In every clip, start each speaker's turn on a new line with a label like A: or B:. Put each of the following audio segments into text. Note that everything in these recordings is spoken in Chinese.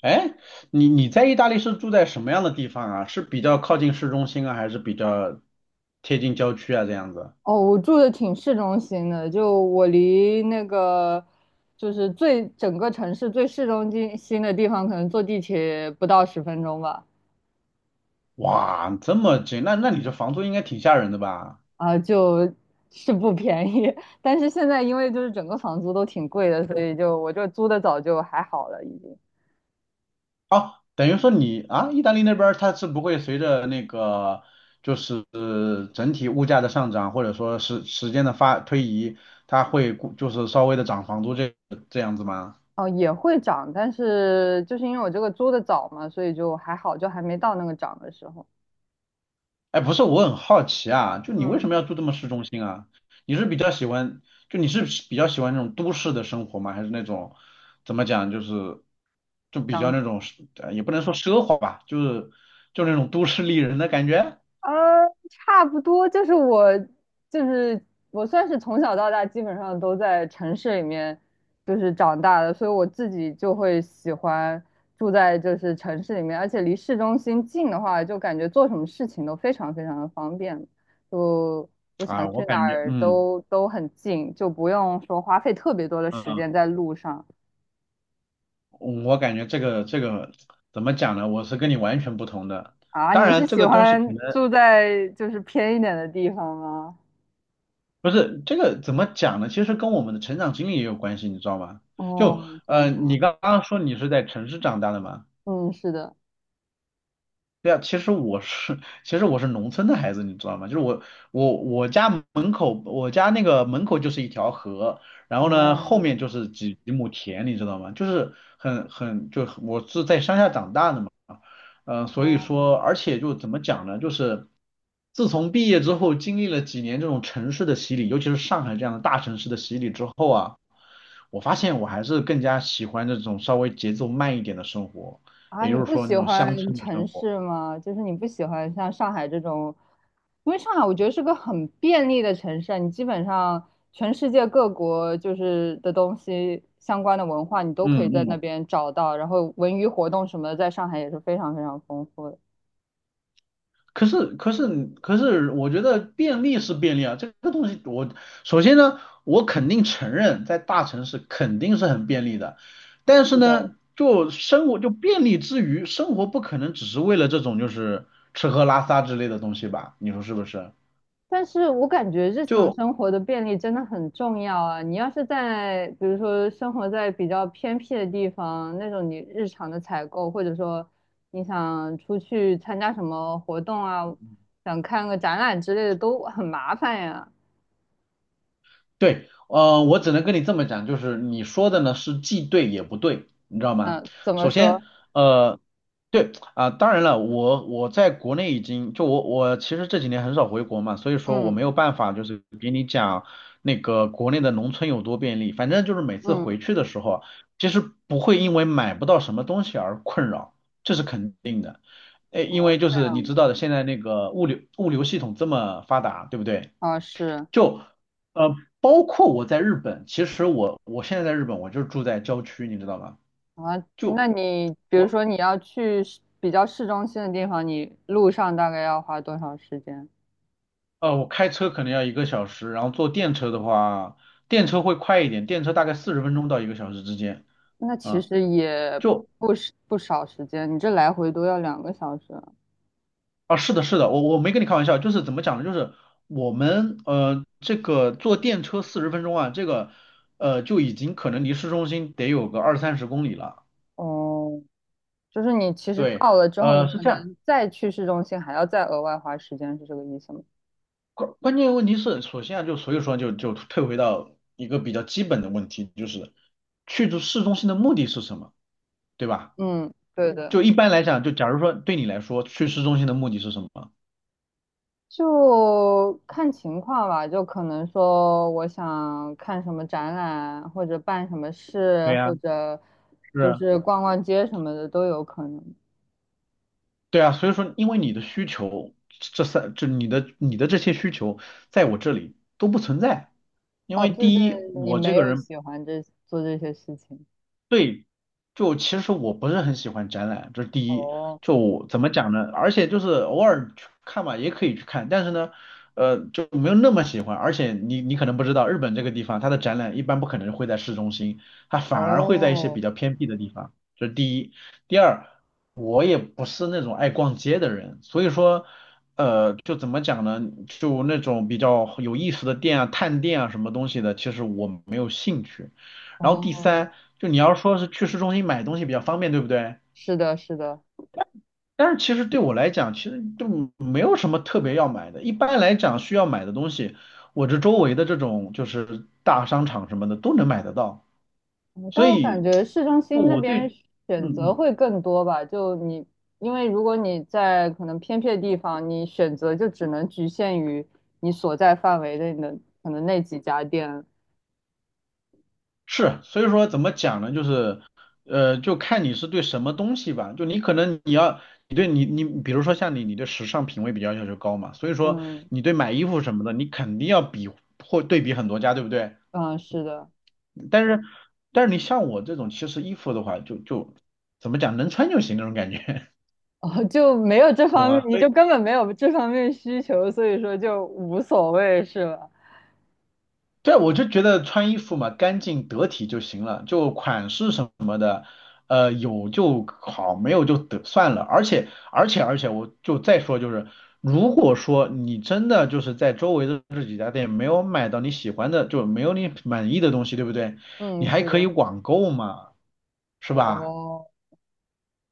A: 哎，你在意大利是住在什么样的地方啊？是比较靠近市中心啊，还是比较贴近郊区啊？这样子？
B: 哦，我住的挺市中心的，就我离那个最整个城市最市中心的地方，可能坐地铁不到10分钟吧。
A: 哇，这么近，那你这房租应该挺吓人的吧？
B: 啊，就是不便宜，但是现在因为就是整个房租都挺贵的，所以就我这租的早就还好了，已经。
A: 哦，等于说你啊，意大利那边儿它是不会随着那个就是整体物价的上涨，或者说时间的推移，它会就是稍微的涨房租这样子吗？
B: 哦，也会涨，但是就是因为我这个租的早嘛，所以就还好，就还没到那个涨的时候。
A: 哎，不是，我很好奇啊，就你为
B: 嗯，
A: 什么要住这么市中心啊？你是比较喜欢，你是比较喜欢那种都市的生活吗？还是那种怎么讲，就是比较
B: 涨
A: 那种也不能说奢华吧，就是那种都市丽人的感觉
B: 差不多就是我，就是我算是从小到大基本上都在城市里面就是长大的，所以我自己就会喜欢住在就是城市里面，而且离市中心近的话，就感觉做什么事情都非常非常的方便，就我想
A: 啊。
B: 去哪儿都很近，就不用说花费特别多的
A: 嗯，
B: 时
A: 嗯
B: 间在路上。
A: 我感觉这个怎么讲呢？我是跟你完全不同的。
B: 啊。
A: 当
B: 你是
A: 然，这
B: 喜
A: 个东西可
B: 欢
A: 能。
B: 住在就是偏一点的地方吗？
A: 不是，这个怎么讲呢？其实跟我们的成长经历也有关系，你知道吗？就
B: 哦，怎么说？
A: 你刚刚说你是在城市长大的嘛。
B: 嗯，是的。
A: 对啊，其实我是，其实我是农村的孩子，你知道吗？我家门口，我家那个门口就是一条河，然后呢，后
B: 哦
A: 面就是几亩田，你知道吗？就是很很，就很我是在乡下长大的嘛。所以
B: 哦。
A: 说，而且就怎么讲呢？就是自从毕业之后，经历了几年这种城市的洗礼，尤其是上海这样的大城市的洗礼之后啊，我发现我还是更加喜欢这种稍微节奏慢一点的生活，
B: 啊！
A: 也就
B: 你
A: 是
B: 不
A: 说那
B: 喜
A: 种乡
B: 欢
A: 村的生
B: 城
A: 活。
B: 市吗？就是你不喜欢像上海这种，因为上海我觉得是个很便利的城市啊，你基本上全世界各国就是的东西相关的文化，你都可
A: 嗯
B: 以在那
A: 嗯，
B: 边找到，然后文娱活动什么的，在上海也是非常非常丰富的。
A: 可是可是可是，我觉得便利是便利啊。这个东西我首先呢，我肯定承认在大城市肯定是很便利的。但是
B: 是的。
A: 呢，就生活，就便利之余，生活不可能只是为了这种就是吃喝拉撒之类的东西吧，你说是不是？
B: 但是我感觉日常
A: 就
B: 生活的便利真的很重要啊！你要是在，比如说生活在比较偏僻的地方，那种你日常的采购，或者说你想出去参加什么活动啊，想看个展览之类的，都很麻烦呀。
A: 对，我只能跟你这么讲，就是你说的呢是既对也不对，你知道吗？
B: 嗯，怎么
A: 首
B: 说？
A: 先，呃，对啊，当然了，我在国内已经就我我其实这几年很少回国嘛，所以说我
B: 嗯
A: 没有办法就是给你讲那个国内的农村有多便利，反正就是每次
B: 嗯，
A: 回去的时候，其实不会因为买不到什么东西而困扰，这是肯定的。诶，因
B: 哦，
A: 为就
B: 这
A: 是
B: 样
A: 你知道的，现在那个物流系统这么发达，对不对？
B: 啊，哦是
A: 就呃，包括我在日本，其实我现在在日本，我就住在郊区，你知道吗？
B: 啊，那
A: 就
B: 你比如
A: 我
B: 说你要去市比较市中心的地方，你路上大概要花多少时间？
A: 我开车可能要1个小时，然后坐电车的话，电车会快一点，电车大概四十分钟到一个小时之间。
B: 那其
A: 啊，
B: 实也
A: 就
B: 不是不少时间，你这来回都要2个小时。
A: 是的，是的，我没跟你开玩笑，就是怎么讲呢？就是我们这个坐电车40分钟啊，这个就已经可能离市中心得有个二三十公里了。
B: 哦，就是你其实
A: 对，
B: 到了之后，你
A: 是
B: 可
A: 这样。
B: 能再去市中心还要再额外花时间，是这个意思吗？
A: 关键问题是，首先啊，就所以说就退回到一个比较基本的问题，就是去市中心的目的是什么，对吧？
B: 嗯，对嗯的，
A: 就一般来讲，就假如说对你来说，去市中心的目的是什么？
B: 就看情况吧。就可能说我想看什么展览，或者办什么事，
A: 对呀，
B: 或者就
A: 是，
B: 是逛逛街什么的都有可能。
A: 对啊，所以说因为你的需求，这三就你的你的这些需求，在我这里都不存在。因
B: 哦，
A: 为
B: 就是
A: 第一，
B: 你
A: 我这
B: 没
A: 个
B: 有
A: 人，
B: 喜欢这做这些事情。
A: 就其实我不是很喜欢展览，这是第一。
B: 哦，
A: 就我怎么讲呢？而且就是偶尔去看吧，也可以去看，但是呢，就没有那么喜欢。而且你可能不知道，日本这个地方它的展览一般不可能会在市中心，它反而会在一些比
B: 哦，
A: 较偏僻的地方。这是第一。第二，我也不是那种爱逛街的人，所以说，就怎么讲呢？就那种比较有意思的店啊、探店啊什么东西的，其实我没有兴趣。然后第
B: 哦。
A: 三，就你要说是去市中心买东西比较方便，对不对？
B: 是的，是的，
A: 但是其实对我来讲，其实就没有什么特别要买的。一般来讲，需要买的东西，我这周围的这种就是大商场什么的都能买得到。
B: 嗯。
A: 所
B: 但我感
A: 以，
B: 觉市中
A: 就
B: 心那
A: 我
B: 边
A: 对，
B: 选
A: 嗯
B: 择
A: 嗯
B: 会更多吧。就你，因为如果你在可能偏僻的地方，你选择就只能局限于你所在范围内的可能那几家店。
A: 是，所以说怎么讲呢？就是，就看你是对什么东西吧。就你可能你要，你对你你，比如说像你，你对时尚品味比较要求高嘛，所以说
B: 嗯
A: 你对买衣服什么的，你肯定要比或对比很多家，对不对？
B: 嗯，是的，
A: 但是但是你像我这种，其实衣服的话，就怎么讲，能穿就行那种感觉，
B: 哦就没有这
A: 懂
B: 方面，
A: 吗？
B: 你
A: 所以
B: 就根本没有这方面需求，所以说就无所谓，是吧？
A: 对，我就觉得穿衣服嘛，干净得体就行了，就款式什么。有就好，没有就得算了。而且，而且，而且，我就再说，就是如果说你真的就是在周围的这几家店没有买到你喜欢的，就没有你满意的东西，对不对？你
B: 嗯，
A: 还
B: 是
A: 可以
B: 的。
A: 网购嘛，是吧？
B: 哦。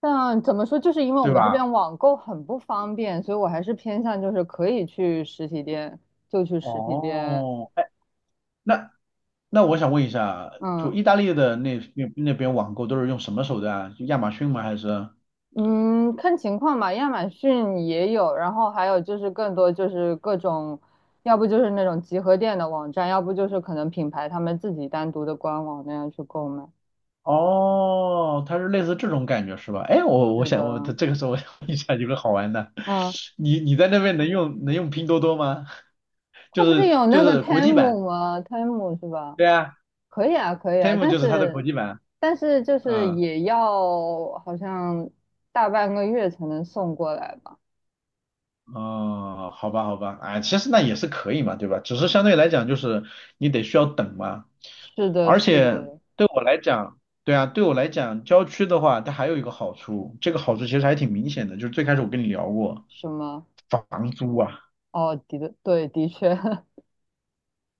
B: 但怎么说，就是因为我
A: 对
B: 们这
A: 吧？
B: 边网购很不方便，所以我还是偏向就是可以去实体店就去实体店。
A: 哦，哎，那那我想问一下，
B: 嗯
A: 就意大利的那边网购都是用什么手段啊？就亚马逊吗？还是？
B: 嗯，看情况吧，亚马逊也有，然后还有就是更多就是各种，要不就是那种集合店的网站，要不就是可能品牌他们自己单独的官网那样去购买。
A: 哦，它是类似这种感觉是吧？哎，我我
B: 是
A: 想我
B: 的，
A: 这个时候想问一下有个好玩的，
B: 嗯，
A: 你在那边能用拼多多吗？
B: 它
A: 就
B: 不是
A: 是
B: 有
A: 就
B: 那个
A: 是国际版，
B: Temu 吗？Temu 是吧？
A: 对啊
B: 可以啊，可以啊，
A: ，Temu
B: 但
A: 就是它的国
B: 是
A: 际版，
B: 但是就是
A: 嗯。
B: 也要好像大半个月才能送过来吧？
A: 哦，好吧，好吧，哎，其实那也是可以嘛，对吧？只是相对来讲，就是你得需要等嘛。
B: 是的，
A: 而
B: 是
A: 且
B: 的，
A: 对我来讲，对啊，对我来讲，郊区的话，它还有一个好处，这个好处其实还挺明显的，就是最开始我跟你聊过，
B: 什么？
A: 房租啊。
B: 哦，的的，对，的确，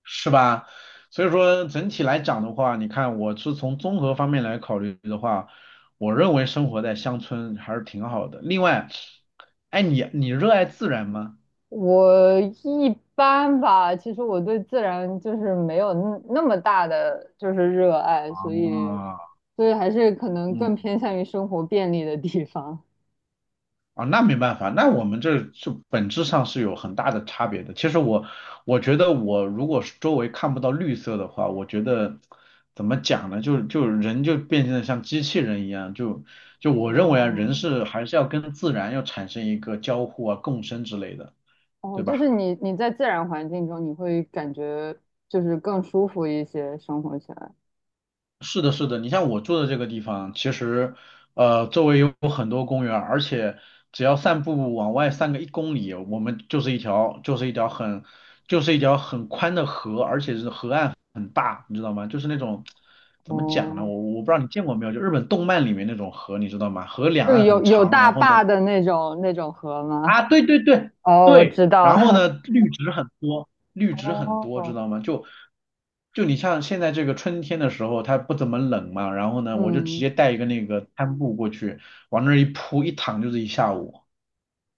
A: 是吧？所以说整体来讲的话，你看我是从综合方面来考虑的话，我认为生活在乡村还是挺好的。另外，哎，你热爱自然吗？
B: 我一般吧。其实我对自然就是没有那那么大的就是热爱，所
A: 啊，
B: 以所以还是可能更
A: 嗯。
B: 偏向于生活便利的地方。
A: 啊，那没办法，那我们这是本质上是有很大的差别的。其实我觉得我如果是周围看不到绿色的话，我觉得怎么讲呢？就人就变成了像机器人一样，就我认为啊，
B: 哦
A: 人是还是要跟自然要产生一个交互啊、共生之类的，
B: 哦，
A: 对
B: 就是
A: 吧？
B: 你在自然环境中，你会感觉就是更舒服一些，生活起来。
A: 是的，是的，你像我住的这个地方，其实周围有很多公园儿。而且只要散步往外散个1公里，我们就是一条很宽的河，而且是河岸很大，你知道吗？就是那种怎么讲呢？
B: 哦，
A: 我不知道你见过没有，就日本动漫里面那种河，你知道吗？河两
B: 就
A: 岸
B: 有
A: 很
B: 有
A: 长，
B: 大
A: 然后呢。
B: 坝的那种那种河吗？
A: 啊，对对对
B: 哦，我
A: 对，
B: 知道
A: 然后呢，
B: 了。
A: 绿植很多，绿 植很多，知
B: 哦，
A: 道吗？就你像现在这个春天的时候，它不怎么冷嘛，然后呢，我就直
B: 嗯，
A: 接带一个那个摊布过去，往那儿一铺，一躺就是一下午。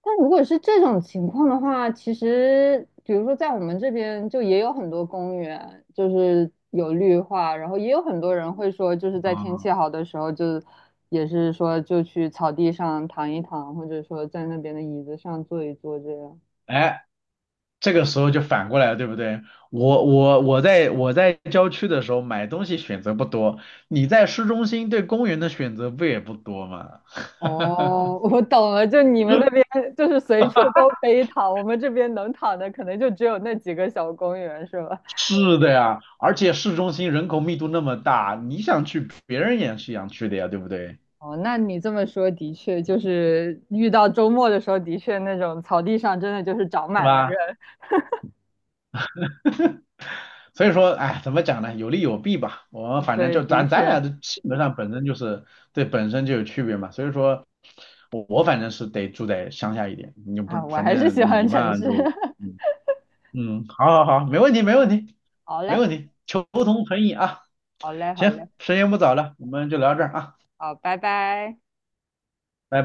B: 但如果是这种情况的话，其实比如说在我们这边就也有很多公园，就是有绿化，然后也有很多人会说，就是在天
A: 啊，
B: 气好的时候就，也是说就去草地上躺一躺，或者说在那边的椅子上坐一坐这样。
A: 哎，这个时候就反过来了，对不对？我在郊区的时候买东西选择不多，你在市中心对公园的选择不也不多吗？
B: 哦，我懂了，就你们那边就是随处都可以躺，我们这边能躺的可能就只有那几个小公园，是吧？
A: 是的呀，而且市中心人口密度那么大，你想去，别人也是想去的呀，对不对？
B: 哦，那你这么说的确，就是遇到周末的时候，的确那种草地上真的就是长
A: 是
B: 满了
A: 吧？
B: 人。
A: 所以说，哎，怎么讲呢？有利有弊吧。我们反正
B: 对，
A: 就
B: 的
A: 咱俩
B: 确
A: 的性格上本身就是对，本身就有区别嘛，所以说我反正是得住在乡下一点，你就不
B: 啊，我
A: 反
B: 还是喜
A: 正
B: 欢
A: 你
B: 城
A: 嘛
B: 市。
A: 就 嗯嗯，好好好，没问题，没问题，
B: 好
A: 没
B: 嘞，
A: 问题，求同存异啊。
B: 好嘞，好嘞，
A: 行，时间不早了，我们就聊到这儿啊。
B: 好，拜拜。
A: 拜拜。